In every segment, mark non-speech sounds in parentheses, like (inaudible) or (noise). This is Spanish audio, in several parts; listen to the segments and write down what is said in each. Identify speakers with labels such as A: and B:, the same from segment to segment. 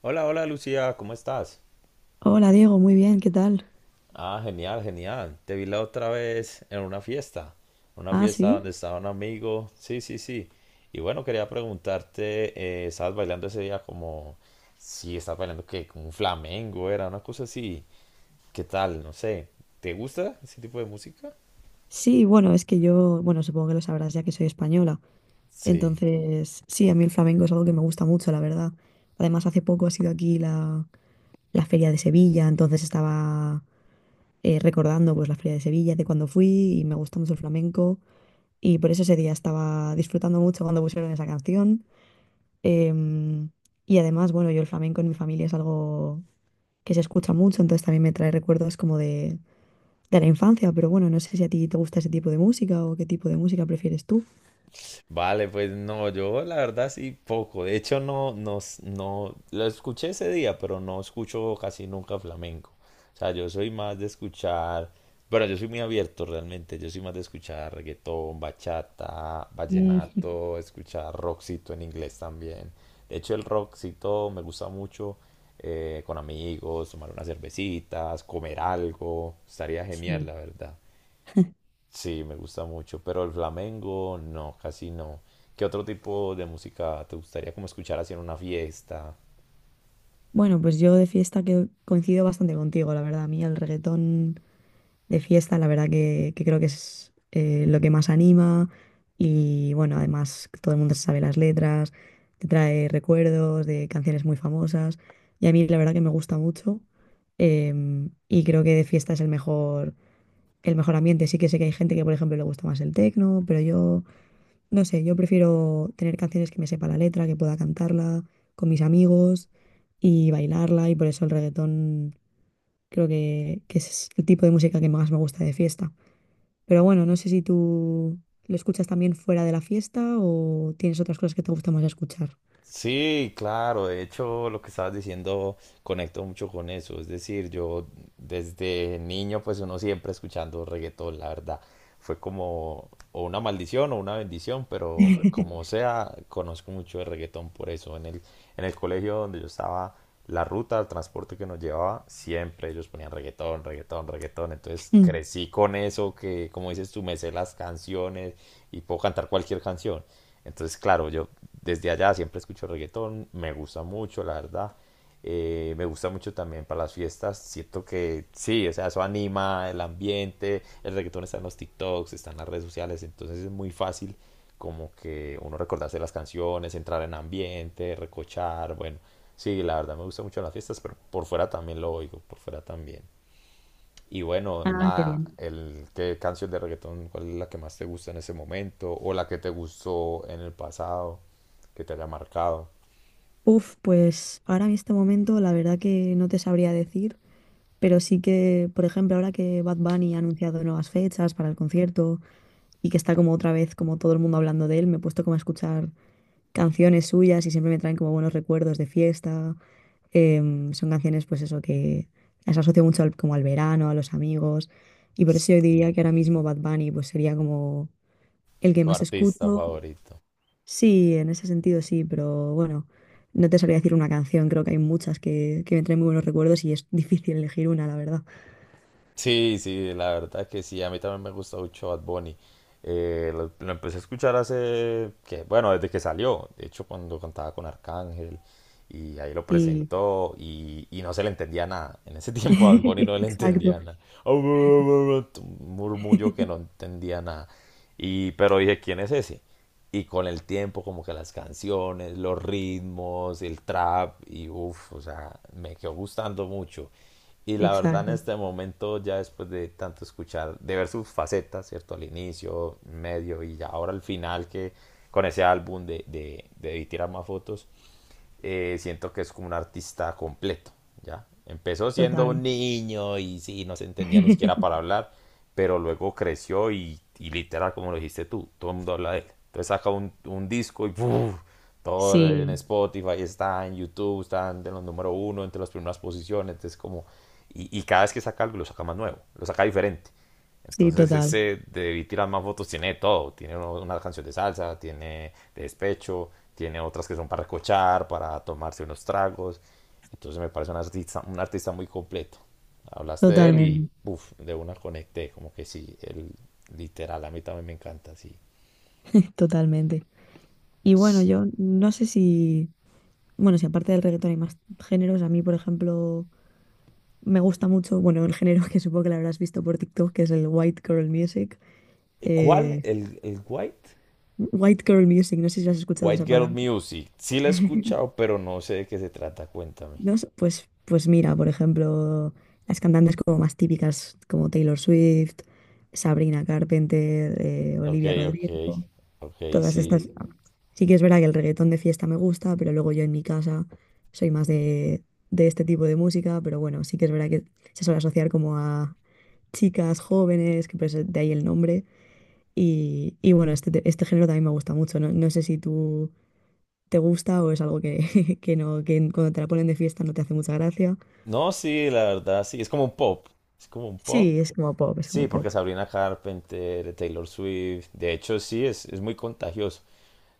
A: Hola, hola Lucía, ¿cómo estás?
B: Hola Diego, muy bien, ¿qué tal?
A: Ah, genial, genial. Te vi la otra vez en una
B: Ah,
A: fiesta
B: sí.
A: donde estaba un amigo. Sí, sí, sí. Y bueno, quería preguntarte, ¿estabas bailando ese día como, sí, estabas bailando que como un flamenco, era una cosa así? ¿Qué tal? No sé. ¿Te gusta ese tipo de música?
B: Sí, bueno, es que yo, bueno, supongo que lo sabrás ya que soy española.
A: Sí.
B: Entonces, sí, a mí el flamenco es algo que me gusta mucho, la verdad. Además, hace poco ha sido aquí la Feria de Sevilla, entonces estaba recordando pues la Feria de Sevilla de cuando fui y me gusta mucho el flamenco y por eso ese día estaba disfrutando mucho cuando pusieron esa canción. Em, y además, bueno, yo el flamenco en mi familia es algo que se escucha mucho, entonces también me trae recuerdos como de la infancia, pero bueno, no sé si a ti te gusta ese tipo de música o qué tipo de música prefieres tú.
A: Vale, pues no, yo la verdad sí poco. De hecho, no, no, no, lo escuché ese día, pero no escucho casi nunca flamenco. O sea, yo soy más de escuchar, bueno, yo soy muy abierto realmente. Yo soy más de escuchar reggaetón, bachata,
B: Mm, (laughs)
A: vallenato, escuchar rockcito en inglés también. De hecho, el rockcito me gusta mucho con amigos, tomar unas cervecitas, comer algo. Estaría genial,
B: sí.
A: la verdad. Sí, me gusta mucho, pero el flamenco no, casi no. ¿Qué otro tipo de música te gustaría como escuchar así en una fiesta?
B: Bueno, pues yo de fiesta que coincido bastante contigo, la verdad. A mí el reggaetón de fiesta, la verdad que creo que es lo que más anima y bueno, además todo el mundo se sabe las letras, te trae recuerdos de canciones muy famosas y a mí la verdad que me gusta mucho, y creo que de fiesta es el mejor ambiente. Sí que sé que hay gente que, por ejemplo, le gusta más el tecno, pero yo no sé, yo prefiero tener canciones que me sepa la letra, que pueda cantarla con mis amigos y bailarla y por eso el reggaetón creo que es el tipo de música que más me gusta de fiesta. Pero bueno, no sé si tú lo escuchas también fuera de la fiesta o tienes otras cosas que te gusta más escuchar.
A: Sí, claro, de hecho lo que estabas diciendo conecto mucho con eso, es decir, yo desde niño pues uno siempre escuchando reggaetón, la verdad, fue como o una maldición o una bendición, pero
B: (laughs)
A: como sea, conozco mucho de reggaetón por eso, en el colegio donde yo estaba, la ruta, el transporte que nos llevaba, siempre ellos ponían reggaetón, reggaetón, reggaetón, entonces
B: Mm.
A: crecí con eso, que como dices tú, me sé las canciones y puedo cantar cualquier canción. Entonces, claro, yo desde allá siempre escucho reggaetón, me gusta mucho, la verdad. Me gusta mucho también para las fiestas. Siento que sí, o sea, eso anima el ambiente. El reggaetón está en los TikToks, está en las redes sociales, entonces es muy fácil como que uno recordarse las canciones, entrar en ambiente, recochar. Bueno, sí, la verdad me gusta mucho en las fiestas, pero por fuera también lo oigo, por fuera también. Y bueno,
B: Ah, qué
A: nada,
B: bien.
A: ¿qué canción de reggaetón, cuál es la que más te gusta en ese momento? ¿O la que te gustó en el pasado, que te haya marcado?
B: Uf, pues ahora en este momento la verdad que no te sabría decir, pero sí que, por ejemplo, ahora que Bad Bunny ha anunciado nuevas fechas para el concierto y que está como otra vez como todo el mundo hablando de él. Me he puesto como a escuchar canciones suyas y siempre me traen como buenos recuerdos de fiesta. Son canciones pues eso que las asocio mucho como al verano, a los amigos y por eso yo diría
A: Y
B: que ahora mismo Bad Bunny pues sería como el que
A: tu
B: más
A: artista
B: escucho.
A: favorito.
B: Sí, en ese sentido sí, pero bueno, no te sabría decir una canción, creo que hay muchas que me traen muy buenos recuerdos y es difícil elegir una, la verdad.
A: Sí, sí, la verdad que sí, a mí también me gusta mucho Bad Bunny. Lo empecé a escuchar hace, que, bueno, desde que salió, de hecho cuando cantaba con Arcángel, y ahí lo
B: Sí,
A: presentó y no se le entendía nada. En ese (laughs) tiempo a Bad Bunny no
B: (laughs)
A: le
B: exacto,
A: entendía nada. Un murmullo que no
B: (laughs)
A: entendía nada. Y, pero dije, ¿quién es ese? Y con el tiempo, como que las canciones, los ritmos, el trap, y uff, o sea, me quedó gustando mucho. Y la verdad, en
B: exacto,
A: este momento, ya después de tanto escuchar, de ver sus facetas, ¿cierto? Al inicio, medio y ya ahora al final, que con ese álbum de tirar más fotos, siento que es como un artista completo, ¿ya? Empezó siendo
B: total.
A: un niño y sí, no se entendía ni siquiera para
B: (laughs)
A: hablar, pero luego creció y literal, como lo dijiste tú, todo el mundo habla de él. Entonces saca un disco y ¡puf! Todo en
B: Sí.
A: Spotify está, en YouTube está en los número uno, entre las primeras posiciones, entonces como... Y, y cada vez que saca algo, lo saca más nuevo, lo saca diferente.
B: Sí,
A: Entonces
B: total,
A: ese de Debí Tirar Más Votos tiene de todo. Tiene una canción de salsa, tiene de despecho, tiene otras que son para escuchar, para tomarse unos tragos. Entonces me parece un artista muy completo. Hablaste de él y
B: totalmente,
A: uf, de una conecté, como que sí, él, literal, a mí también me encanta, sí.
B: totalmente. Y bueno, yo no sé si, bueno, si aparte del reggaetón hay más géneros, a mí, por ejemplo, me gusta mucho, bueno, el género que supongo que lo habrás visto por TikTok, que es el white girl music.
A: ¿Cuál?
B: eh,
A: ¿El White?
B: White girl music, no sé si has escuchado
A: White
B: esa
A: Girl
B: palabra.
A: Music, sí la he escuchado,
B: (laughs)
A: pero no sé de qué se trata, cuéntame.
B: No sé, pues mira, por ejemplo, las cantantes como más típicas, como Taylor Swift, Sabrina Carpenter,
A: Ok,
B: Olivia
A: ok,
B: Rodrigo.
A: ok,
B: Todas
A: sí.
B: estas. Sí que es verdad que el reggaetón de fiesta me gusta, pero luego yo en mi casa soy más de este tipo de música, pero bueno, sí que es verdad que se suele asociar como a chicas jóvenes, que por eso de ahí el nombre. Y bueno, este género también me gusta mucho. No, no sé si tú te gusta o es algo que, (laughs) que no, que cuando te la ponen de fiesta no te hace mucha gracia.
A: No, sí, la verdad, sí, es como un pop. Es como un pop.
B: Sí, es como pop, es
A: Sí,
B: como
A: porque
B: pop.
A: Sabrina Carpenter, Taylor Swift, de hecho sí, es muy contagioso.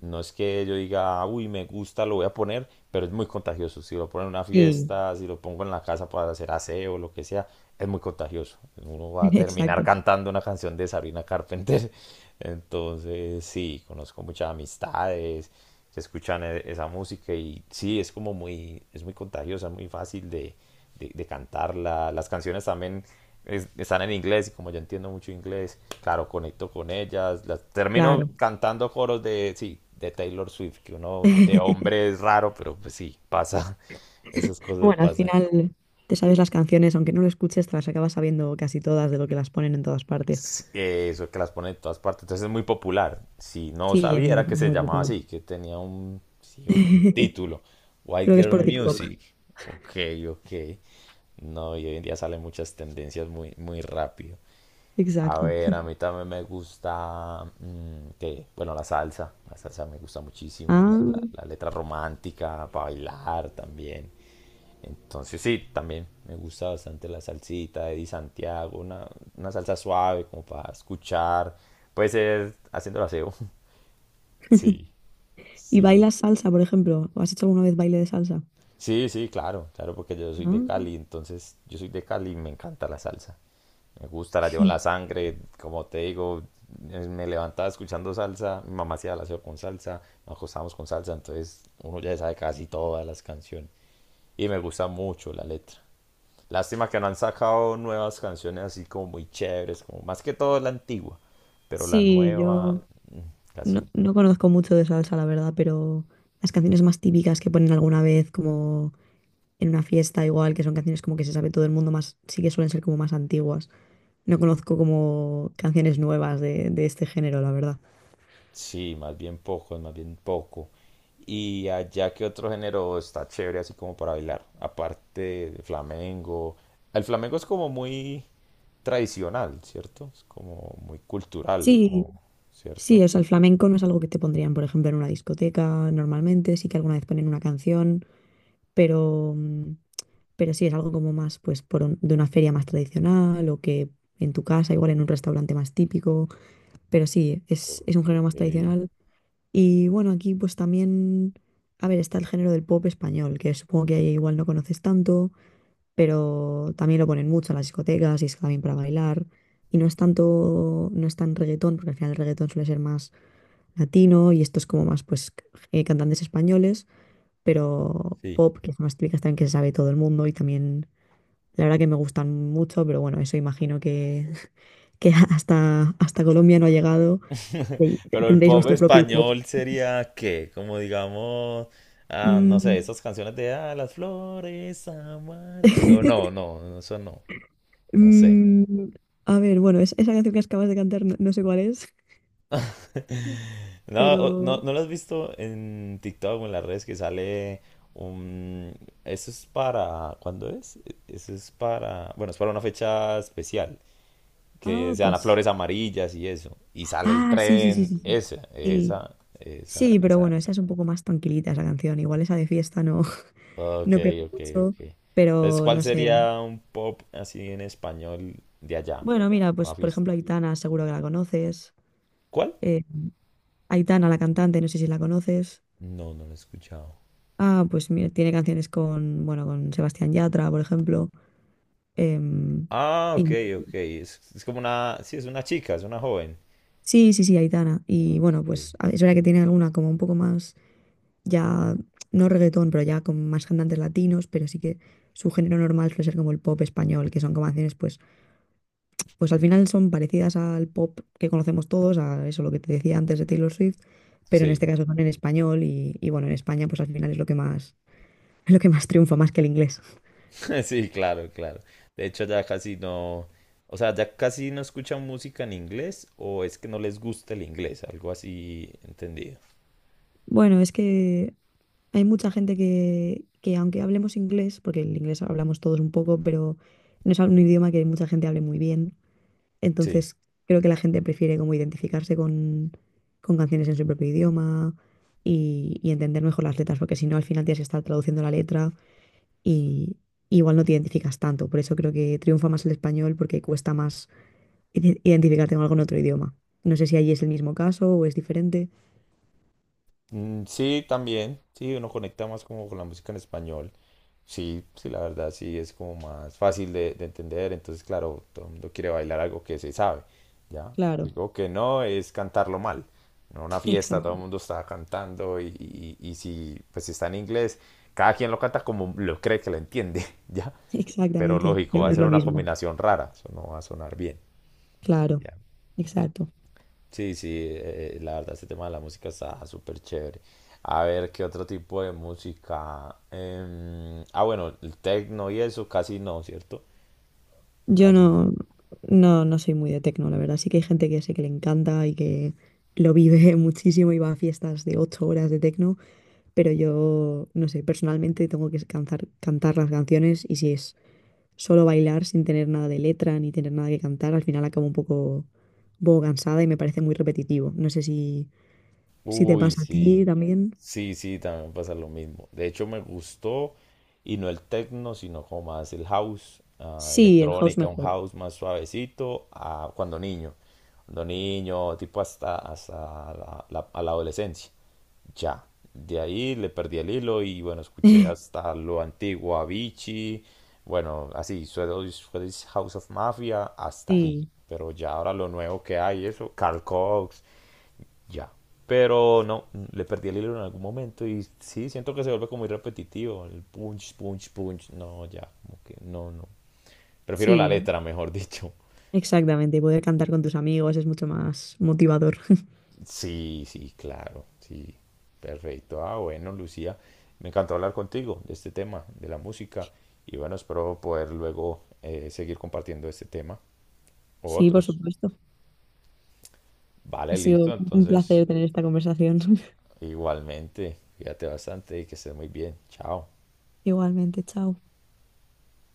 A: No es que yo diga, uy, me gusta, lo voy a poner, pero es muy contagioso. Si lo pongo en una
B: Sí,
A: fiesta, si lo pongo en la casa para hacer aseo, lo que sea, es muy contagioso. Uno
B: (laughs)
A: va a terminar
B: exacto,
A: cantando una canción de Sabrina Carpenter. (laughs) Entonces, sí, conozco muchas amistades se escuchan esa música y sí, es como muy, es muy contagiosa, muy fácil de cantarla. Las canciones también están en inglés y como yo entiendo mucho inglés, claro, conecto con ellas. Las, termino
B: claro.
A: cantando coros de, sí, de Taylor Swift, que uno de
B: (laughs)
A: hombre es raro, pero pues sí, pasa, (laughs) esas cosas
B: Bueno, al
A: pasan.
B: final te sabes las canciones, aunque no lo escuches, te las acabas sabiendo casi todas de lo que las ponen en todas partes.
A: Eso que las pone en todas partes. Entonces es muy popular. Si no
B: Sí, es
A: sabía
B: muy,
A: era que se
B: muy
A: llamaba
B: popular.
A: así, que tenía un,
B: (laughs)
A: sí, un
B: Creo
A: título. White
B: que es
A: Girl
B: por en TikTok. TikTok.
A: Music. Ok, ok. No, y hoy en día salen muchas tendencias muy, muy rápido. A
B: Exacto.
A: ver, a mí también me gusta, ¿qué? Bueno, la salsa. La salsa me gusta muchísimo.
B: Ah,
A: La letra romántica para bailar también. Entonces sí, también me gusta bastante la salsita de Di Santiago, una salsa suave como para escuchar. Puede ser haciendo el aseo. (laughs) Sí,
B: ¿y
A: sí.
B: bailas salsa, por ejemplo? ¿O has hecho alguna vez baile de salsa?
A: Sí, sí, claro, claro, porque yo soy de
B: Ah,
A: Cali, entonces yo soy de Cali y me encanta la salsa. Me gusta, la llevo en la sangre, como te digo, me levantaba escuchando salsa, mi mamá hacía el aseo con salsa, nos acostábamos con salsa, entonces uno ya sabe casi todas las canciones. Y me gusta mucho la letra. Lástima que no han sacado nuevas canciones así como muy chéveres, como más que todo la antigua, pero la
B: sí,
A: nueva
B: yo
A: mm, casi
B: no,
A: no.
B: no conozco mucho de salsa, la verdad, pero las canciones más típicas que ponen alguna vez, como en una fiesta igual, que son canciones como que se sabe todo el mundo más, sí que suelen ser como más antiguas. No conozco como canciones nuevas de este género, la verdad.
A: Sí, más bien poco, más bien poco. Y allá que otro género está chévere así como para bailar, aparte del flamenco. El flamenco es como muy tradicional, ¿cierto? Es como muy cultural,
B: Sí,
A: o-
B: sí,
A: ¿cierto?
B: o sea, el flamenco no es algo que te pondrían, por ejemplo, en una discoteca normalmente, sí que alguna vez ponen una canción, pero, pero sí es algo como más, pues, de una feria más tradicional o que en tu casa, igual en un restaurante más típico, pero sí,
A: Ok.
B: es un género más tradicional. Y bueno, aquí pues también, a ver, está el género del pop español, que supongo que ahí igual no conoces tanto, pero también lo ponen mucho en las discotecas y es también para bailar. Y no es tanto, no es tan reggaetón, porque al final el reggaetón suele ser más latino y estos como más pues cantantes españoles, pero
A: Sí.
B: pop, que son más típicas también que se sabe todo el mundo y también la verdad que me gustan mucho, pero bueno, eso imagino que, (laughs) que hasta, hasta Colombia no ha llegado. y
A: Pero el
B: Tendréis
A: pop
B: vuestro propio pop.
A: español sería ¿qué? Como digamos, ah, no sé, esas
B: Mm,
A: canciones de ah, las flores amarillas. O no,
B: (laughs)
A: no, no, eso no, no sé.
B: mm, a ver, bueno, esa canción que acabas de cantar no, no sé cuál es,
A: (laughs) No, o- no,
B: pero...
A: no lo has visto en TikTok o en las redes que sale un... Eso es para... ¿Cuándo es? Eso es para... Bueno, es para una fecha especial. Que
B: Ah,
A: sean las
B: pues...
A: flores amarillas y eso. Y sale el
B: Ah, sí, sí, sí,
A: tren.
B: sí. Sí,
A: Esa,
B: sí.
A: esa, esa.
B: Sí,
A: O
B: pero
A: sea,
B: bueno, esa es un poco más tranquilita esa canción. Igual esa de fiesta no,
A: Ok,
B: no pega
A: ok,
B: mucho,
A: ok. Entonces,
B: pero
A: ¿cuál
B: no sé.
A: sería un pop así en español de allá?
B: Bueno, mira, pues
A: Una
B: por
A: fiesta.
B: ejemplo Aitana, seguro que la conoces.
A: ¿Cuál?
B: Eh, Aitana, la cantante, no sé si la conoces.
A: No, no lo he escuchado.
B: Ah, pues mira, tiene canciones con, bueno, con Sebastián Yatra, por ejemplo. Em,
A: Ah, ok,
B: y,
A: ok. Es como una... Sí, es una chica, es una joven.
B: sí, sí, sí, Aitana. Y bueno,
A: Ok.
B: pues es verdad que tiene alguna como un poco más, ya, no reggaetón, pero ya con más cantantes latinos, pero sí que su género normal suele ser como el pop español, que son como canciones pues al final son parecidas al pop que conocemos todos, a eso lo que te decía antes de Taylor Swift, pero en
A: Sí,
B: este caso son en español y bueno, en España pues al final es lo que más, (laughs) es lo que más triunfa, más que el inglés.
A: (laughs) sí, claro, claro. De hecho, ya casi no... O sea, ya casi no escuchan música en inglés o es que no les gusta el inglés, algo así entendido.
B: Bueno, es que hay mucha gente que aunque hablemos inglés, porque el inglés hablamos todos un poco, pero no es un idioma que mucha gente hable muy bien,
A: Sí.
B: entonces creo que la gente prefiere como identificarse con canciones en su propio idioma y entender mejor las letras, porque si no al final tienes que estar traduciendo la letra y igual no te identificas tanto. Por eso creo que triunfa más el español porque cuesta más identificarte con algo en otro idioma. No sé si allí es el mismo caso o es diferente.
A: Mm, sí, también. Sí, uno conecta más como con la música en español. Sí, sí, la verdad sí es como más fácil de entender. Entonces, claro, todo el mundo quiere bailar algo que se sabe, ¿ya?
B: Claro,
A: Algo que no es cantarlo mal. No una
B: (laughs)
A: fiesta,
B: exacto,
A: todo el mundo está cantando y, y si pues está en inglés, cada quien lo canta como lo cree que lo entiende, (laughs) ¿ya? Pero
B: exactamente.
A: lógico,
B: No,
A: va
B: no
A: a
B: es
A: ser
B: lo
A: una
B: mismo.
A: combinación rara, eso no va a sonar bien,
B: Claro,
A: ¿ya?
B: exacto.
A: Sí, sí, la verdad este tema de la música está súper chévere. A ver, ¿qué otro tipo de música? Ah, bueno, el techno y eso casi no, ¿cierto?
B: Yo
A: Casi no.
B: no, no, no soy muy de tecno, la verdad. Sí que hay gente que sé que le encanta y que lo vive (laughs) muchísimo y va a fiestas de 8 horas de tecno, pero yo, no sé, personalmente tengo que cantar, cantar las canciones y si es solo bailar sin tener nada de letra ni tener nada que cantar, al final acabo un poco cansada y me parece muy repetitivo. No sé si, si te
A: Uy,
B: pasa a
A: sí.
B: ti también.
A: Sí, sí, también pasa lo mismo. De hecho, me gustó, y no el techno, sino como más el house, ah,
B: Sí, el house
A: electrónica, un
B: mejor.
A: house más suavecito, ah, cuando niño. Cuando niño, tipo hasta, hasta a la adolescencia. Ya, de ahí le perdí el hilo y bueno, escuché
B: (laughs)
A: hasta lo antiguo, Avicii, bueno, así, Swedish, Swedish House of Mafia, hasta ahí.
B: Sí,
A: Pero ya ahora lo nuevo que hay, eso, Carl Cox, ya. Pero no, le perdí el hilo en algún momento y sí, siento que se vuelve como muy repetitivo, el punch, punch, punch, no, ya, como que no, no. Prefiero la
B: sí,
A: letra, mejor dicho.
B: exactamente. Poder cantar con tus amigos es mucho más motivador. (laughs)
A: Sí, sí, claro, sí. Perfecto. Ah, bueno, Lucía, me encantó hablar contigo de este tema, de la música, y bueno, espero poder luego seguir compartiendo este tema o
B: Sí, por
A: otros.
B: supuesto. Ha
A: Vale, listo,
B: sido un
A: entonces,
B: placer tener esta conversación. (laughs)
A: igualmente, cuídate bastante y que estés muy bien. Chao.
B: Igualmente, chao.